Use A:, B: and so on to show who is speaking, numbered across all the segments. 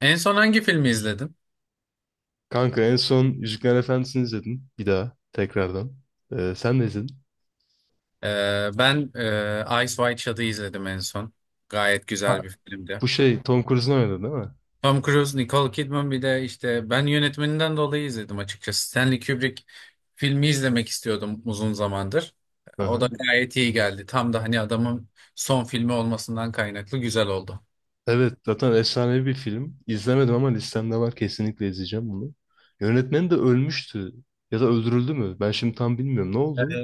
A: En son hangi filmi izledim?
B: Kanka en son yüzükler Efendisi'ni izledim. Bir daha tekrardan. Sen de izledin.
A: Ben Ice White Shot'ı izledim en son. Gayet güzel
B: Ha,
A: bir filmdi.
B: bu şey Tom Cruise'un oynadı değil mi?
A: Tom Cruise, Nicole Kidman, bir de işte ben yönetmeninden dolayı izledim açıkçası. Stanley Kubrick filmi izlemek istiyordum uzun zamandır. O da
B: Aha.
A: gayet iyi geldi. Tam da hani adamın son filmi olmasından kaynaklı güzel oldu.
B: Evet, zaten efsanevi bir film. İzlemedim ama listemde var, kesinlikle izleyeceğim bunu. Yönetmen de ölmüştü. Ya da öldürüldü mü? Ben şimdi tam bilmiyorum. Ne oldu?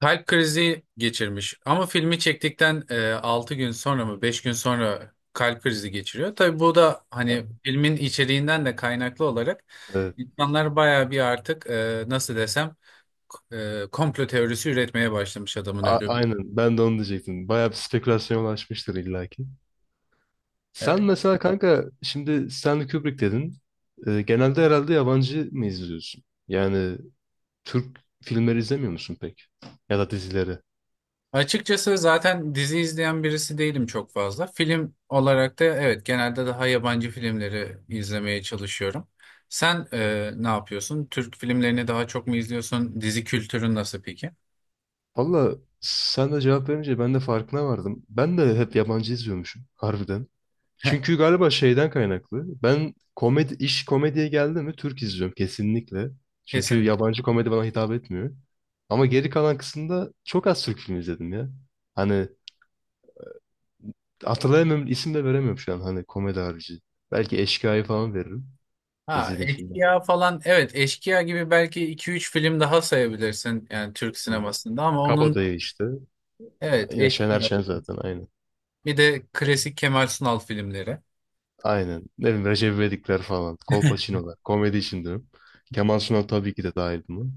A: Kalp krizi geçirmiş ama filmi çektikten 6 gün sonra mı 5 gün sonra kalp krizi geçiriyor. Tabii bu da hani filmin içeriğinden de kaynaklı olarak
B: Evet.
A: insanlar bayağı bir artık, nasıl desem, komplo teorisi üretmeye başlamış adamın ölümü.
B: Aynen, ben de onu diyecektim. Bayağı bir spekülasyona ulaşmıştır illaki. Sen
A: E,
B: mesela kanka şimdi Stanley Kubrick dedin. Genelde herhalde yabancı mı izliyorsun? Yani Türk filmleri izlemiyor musun pek? Ya da dizileri?
A: Açıkçası zaten dizi izleyen birisi değilim çok fazla. Film olarak da evet, genelde daha yabancı filmleri izlemeye çalışıyorum. Sen ne yapıyorsun? Türk filmlerini daha çok mu izliyorsun? Dizi kültürün nasıl peki?
B: Valla, sen de cevap verince ben de farkına vardım. Ben de hep yabancı izliyormuşum harbiden.
A: Heh,
B: Çünkü galiba şeyden kaynaklı. Ben komedi, iş komediye geldi mi Türk izliyorum kesinlikle. Çünkü
A: kesinlikle.
B: yabancı komedi bana hitap etmiyor. Ama geri kalan kısımda çok az Türk filmi izledim ya. Hani hatırlayamıyorum, isim de veremiyorum şu an hani komedi harici. Belki Eşkıya'yı falan veririm.
A: Ha,
B: İzlediğim filmlerden.
A: Eşkıya falan, evet, Eşkıya gibi belki iki üç film daha sayabilirsin yani Türk
B: Hı hı.
A: sinemasında, ama onun
B: Kabadayı işte.
A: evet
B: Yine Şener
A: Eşkıya
B: Şen zaten, aynen.
A: bir de klasik Kemal Sunal filmleri.
B: Aynen. Ne bileyim Recep İvedikler falan. Kolpaçinolar. Komedi için diyorum. Kemal Sunal tabii ki de dahil buna.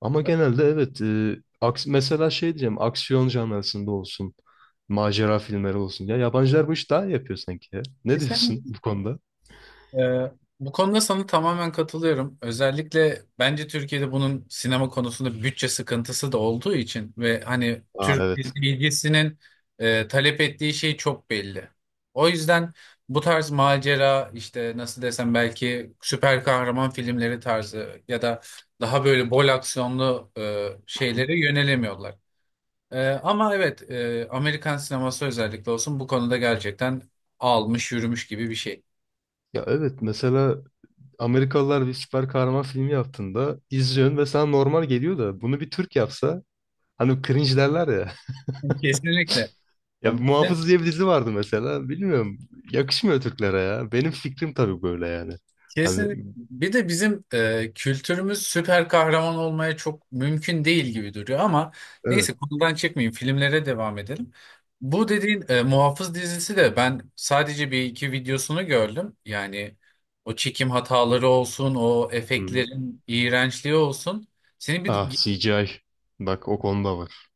B: Ama genelde evet. e, aks Mesela şey diyeceğim. Aksiyon janrasında olsun. Macera filmleri olsun. Ya yabancılar bu işi daha iyi yapıyor sanki ya. Ne diyorsun bu konuda?
A: Ee, Bu konuda sana tamamen katılıyorum. Özellikle bence Türkiye'de bunun sinema konusunda bütçe sıkıntısı da olduğu için ve hani
B: Aa,
A: Türk
B: evet.
A: bilgisinin talep ettiği şey çok belli. O yüzden bu tarz macera işte, nasıl desem, belki süper kahraman filmleri tarzı ya da daha böyle bol aksiyonlu
B: Hı.
A: şeylere yönelemiyorlar. Ama evet, Amerikan sineması özellikle olsun bu konuda gerçekten almış yürümüş gibi bir şey.
B: Ya evet, mesela Amerikalılar bir süper kahraman filmi yaptığında izliyorsun ve sana normal geliyor da, bunu bir Türk yapsa hani cringe derler ya.
A: Kesinlikle.
B: Ya
A: Ya ben-
B: Muhafız diye bir dizi vardı mesela. Bilmiyorum. Yakışmıyor Türklere ya. Benim fikrim tabii böyle, yani. Hani
A: kesin, bir de bizim kültürümüz süper kahraman olmaya çok mümkün değil gibi duruyor ama
B: evet.
A: neyse, konudan çıkmayayım, filmlere devam edelim. Bu dediğin Muhafız dizisi de, ben sadece bir iki videosunu gördüm. Yani o çekim hataları olsun, o
B: Hı-hı.
A: efektlerin iğrençliği olsun. Seni bir
B: Ah, CGI. Bak, o konuda var.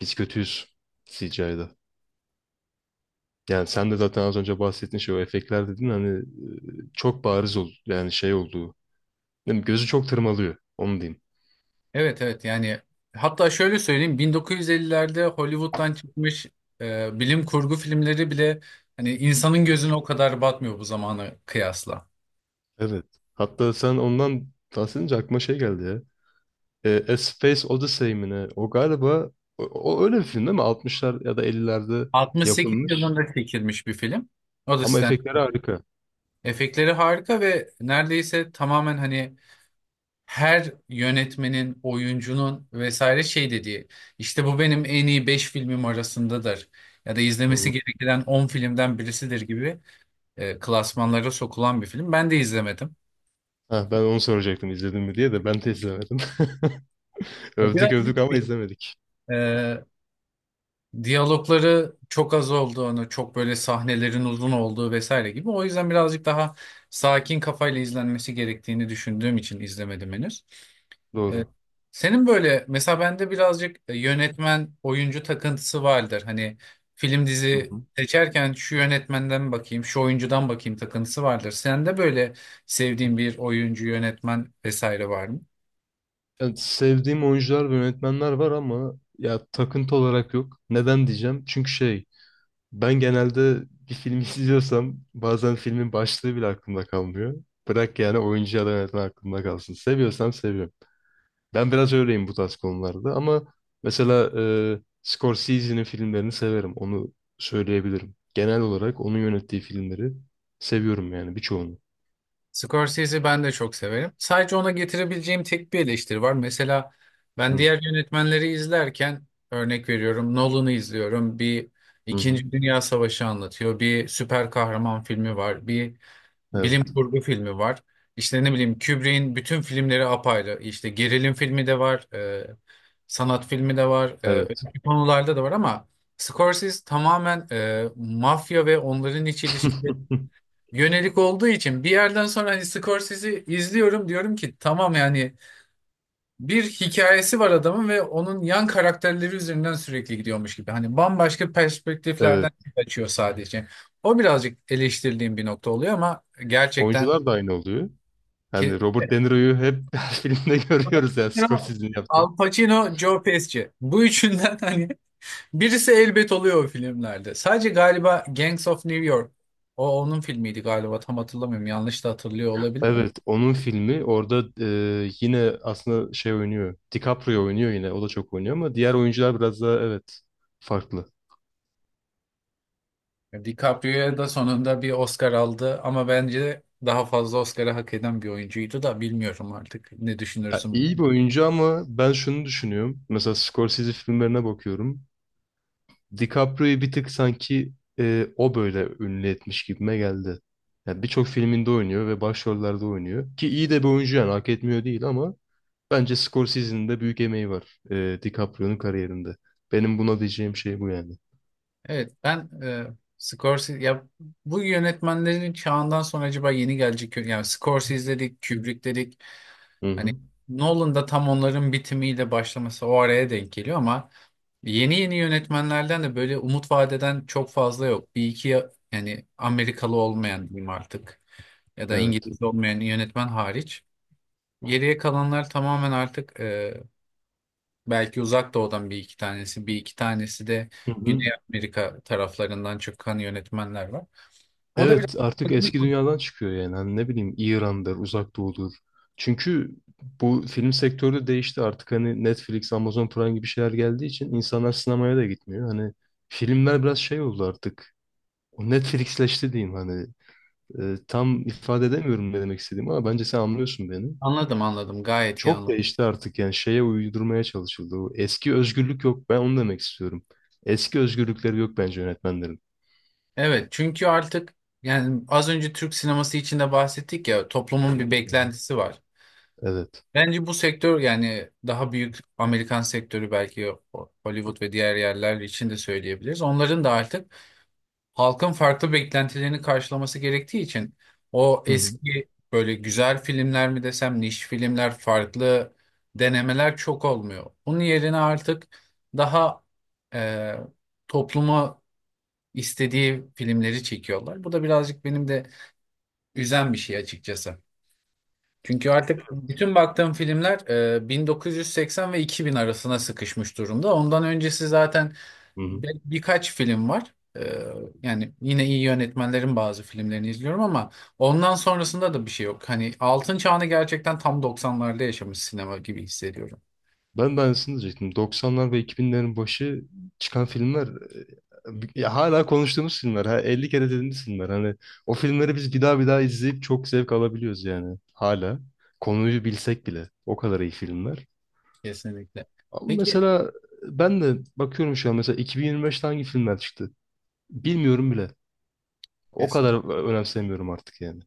B: Biz kötüyüz CGI'da. Yani sen de zaten az önce bahsettin, şey, o efektler dedin hani, çok bariz oldu. Yani şey olduğu. Değil mi? Gözü çok tırmalıyor. Onu diyeyim.
A: evet evet yani, hatta şöyle söyleyeyim, 1950'lerde Hollywood'dan çıkmış bilim kurgu filmleri bile hani insanın gözüne o kadar batmıyor bu zamana kıyasla.
B: Evet. Hatta sen ondan bahsedince aklıma şey geldi ya. A Space Odyssey mi ne? O galiba o, o öyle bir film değil mi? 60'lar ya da 50'lerde
A: 68
B: yapılmış.
A: yılında çekilmiş bir film. O da
B: Ama
A: stand.
B: efektleri harika.
A: Efektleri harika ve neredeyse tamamen hani her yönetmenin, oyuncunun vesaire şey dediği, işte bu benim en iyi 5 filmim arasındadır ya da
B: Hı
A: izlemesi
B: hı.
A: gereken 10 filmden birisidir gibi klasmanlara sokulan bir film. Ben de izlemedim.
B: Ha, ben onu soracaktım izledim mi diye, de ben de izlemedim.
A: Ya,
B: Övdük
A: biraz
B: övdük ama
A: riskli.
B: izlemedik.
A: Ee, Diyalogları çok az olduğunu, çok böyle sahnelerin uzun olduğu vesaire gibi. O yüzden birazcık daha sakin kafayla izlenmesi gerektiğini düşündüğüm için izlemedim henüz. Ee,
B: Doğru.
A: Senin böyle mesela, bende birazcık yönetmen oyuncu takıntısı vardır. Hani film
B: Hı
A: dizi
B: hı.
A: seçerken şu yönetmenden bakayım, şu oyuncudan bakayım takıntısı vardır. Sende böyle sevdiğin bir oyuncu, yönetmen vesaire var mı?
B: Yani sevdiğim oyuncular ve yönetmenler var ama ya takıntı olarak yok. Neden diyeceğim? Çünkü şey. Ben genelde bir film izliyorsam bazen filmin başlığı bile aklımda kalmıyor. Bırak yani oyuncu ya da yönetmen aklımda kalsın. Seviyorsam seviyorum. Ben biraz öyleyim bu tarz konularda ama mesela Scorsese'nin filmlerini severim. Onu söyleyebilirim. Genel olarak onun yönettiği filmleri seviyorum yani, birçoğunu.
A: Scorsese'yi ben de çok severim. Sadece ona getirebileceğim tek bir eleştiri var. Mesela ben
B: Hı
A: diğer yönetmenleri izlerken, örnek veriyorum, Nolan'ı izliyorum. Bir
B: hı. Hı.
A: İkinci Dünya Savaşı anlatıyor. Bir süper kahraman filmi var. Bir bilim
B: Evet.
A: kurgu filmi var. İşte ne bileyim, Kubrick'in bütün filmleri apayrı. İşte gerilim filmi de var, sanat filmi de var. E,
B: Evet.
A: öteki konularda da var ama Scorsese tamamen mafya ve onların iç ilişkileri yönelik olduğu için bir yerden sonra hani Scorsese'yi izliyorum diyorum ki tamam yani, bir hikayesi var adamın ve onun yan karakterleri üzerinden sürekli gidiyormuş gibi. Hani bambaşka perspektiflerden
B: Evet.
A: açıyor sadece. O birazcık eleştirdiğim bir nokta oluyor ama gerçekten
B: Oyuncular da aynı oluyor.
A: ki
B: Yani Robert De Niro'yu hep her filmde görüyoruz yani Scorsese'nin yaptığı.
A: Al Pacino, Joe Pesci. Bu üçünden hani birisi elbet oluyor o filmlerde. Sadece galiba Gangs of New York. O onun filmiydi galiba, tam hatırlamıyorum. Yanlış da hatırlıyor olabilir.
B: Evet, onun filmi orada yine aslında şey oynuyor. DiCaprio oynuyor yine. O da çok oynuyor ama diğer oyuncular biraz daha, evet, farklı.
A: DiCaprio da sonunda bir Oscar aldı ama bence daha fazla Oscar'ı hak eden bir oyuncuydu da, bilmiyorum artık ne
B: Ya,
A: düşünürsün.
B: iyi bir oyuncu ama ben şunu düşünüyorum. Mesela Scorsese filmlerine bakıyorum. DiCaprio'yu bir tık sanki o böyle ünlü etmiş gibime geldi. Ya birçok filminde oynuyor ve başrollerde oynuyor. Ki iyi de bir oyuncu, yani hak etmiyor değil ama bence Scorsese'nin de büyük emeği var DiCaprio'nun kariyerinde. Benim buna diyeceğim şey bu yani.
A: Evet, ben Scorsese ya bu yönetmenlerin çağından sonra acaba yeni gelecek, yani Scorsese dedik, Kubrick dedik.
B: Hı
A: Hani
B: hı.
A: Nolan da tam onların bitimiyle başlaması o araya denk geliyor ama yeni yeni yönetmenlerden de böyle umut vadeden çok fazla yok. Bir iki, ya yani Amerikalı olmayan diyeyim artık, ya da
B: Evet.
A: İngiliz olmayan yönetmen hariç. Geriye kalanlar tamamen artık belki uzak doğudan bir iki tanesi, bir iki tanesi de
B: Hı hı.
A: Güney Amerika taraflarından çıkan yönetmenler var. O da biraz
B: Evet, artık eski dünyadan çıkıyor yani. Hani ne bileyim İran'dır, Uzak Doğu'dur. Çünkü bu film sektörü de değişti artık, hani Netflix, Amazon Prime gibi şeyler geldiği için insanlar sinemaya da gitmiyor. Hani filmler biraz şey oldu artık. O Netflixleşti diyeyim hani. Tam ifade edemiyorum ne demek istediğimi ama bence sen anlıyorsun beni.
A: anladım, anladım, gayet iyi
B: Çok
A: anladım.
B: değişti artık, yani şeye uydurmaya çalışıldı. O eski özgürlük yok, ben onu demek istiyorum. Eski özgürlükleri yok bence yönetmenlerin.
A: Evet, çünkü artık yani az önce Türk sineması içinde bahsettik ya, toplumun bir
B: Hı hı.
A: beklentisi var.
B: Evet.
A: Bence bu sektör, yani daha büyük Amerikan sektörü, belki Hollywood ve diğer yerler için de söyleyebiliriz. Onların da artık halkın farklı beklentilerini karşılaması gerektiği için o
B: Hı hı.
A: eski böyle güzel filmler mi desem, niş filmler, farklı denemeler çok olmuyor. Onun yerine artık daha e, topluma istediği filmleri çekiyorlar. Bu da birazcık benim de üzen bir şey açıkçası. Çünkü artık bütün baktığım filmler 1980 ve 2000 arasına sıkışmış durumda. Ondan öncesi zaten
B: Hı hı.
A: Birkaç film var. Yani yine iyi yönetmenlerin bazı filmlerini izliyorum ama ondan sonrasında da bir şey yok. Hani altın çağını gerçekten tam 90'larda yaşamış sinema gibi hissediyorum.
B: Ben de aynısını diyecektim. 90'lar ve 2000'lerin başı çıkan filmler, ya hala konuştuğumuz filmler. Ha, 50 kere dediğimiz filmler. Hani o filmleri biz bir daha bir daha izleyip çok zevk alabiliyoruz yani. Hala. Konuyu bilsek bile. O kadar iyi filmler.
A: Kesinlikle.
B: Ama
A: Peki,
B: mesela ben de bakıyorum şu an, mesela 2025'te hangi filmler çıktı? Bilmiyorum bile. O
A: kesin.
B: kadar önemsemiyorum artık yani.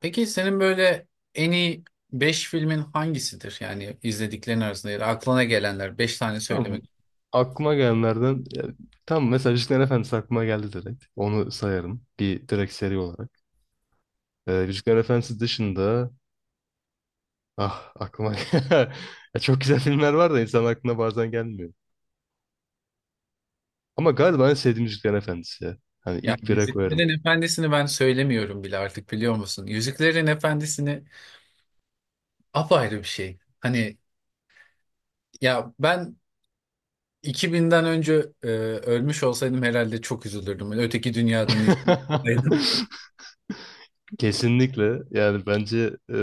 A: Peki, senin böyle en iyi 5 filmin hangisidir? Yani izlediklerin arasında, ya da aklına gelenler, 5 tane
B: Tamam.
A: söylemek
B: Aklıma gelenlerden ya, tam mesela Yüzüklerin Efendisi aklıma geldi direkt. Onu sayarım. Bir direkt seri olarak. Yüzükler Efendisi dışında, ah, aklıma ya, çok güzel filmler var da insan aklına bazen gelmiyor. Ama galiba en sevdiğim Yüzükler Efendisi ya. Hani
A: yani
B: ilk bire koyarım.
A: Yüzüklerin Efendisi'ni ben söylemiyorum bile artık, biliyor musun? Yüzüklerin Efendisi'ni apayrı bir şey. Hani ya ben 2000'den önce ölmüş olsaydım herhalde çok üzülürdüm. Öteki dünyadan izliyordum.
B: Kesinlikle, yani bence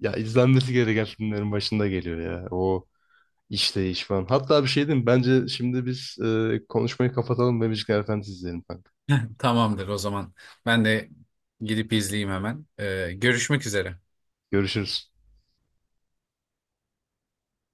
B: ya izlenmesi gereken filmlerin başında geliyor ya. O işleyiş falan. Hatta bir şey diyeyim mi? Bence şimdi biz konuşmayı kapatalım ve Müzikler Efendisi izleyelim kanka.
A: Tamamdır o zaman. Ben de gidip izleyeyim hemen. E, görüşmek üzere.
B: Görüşürüz.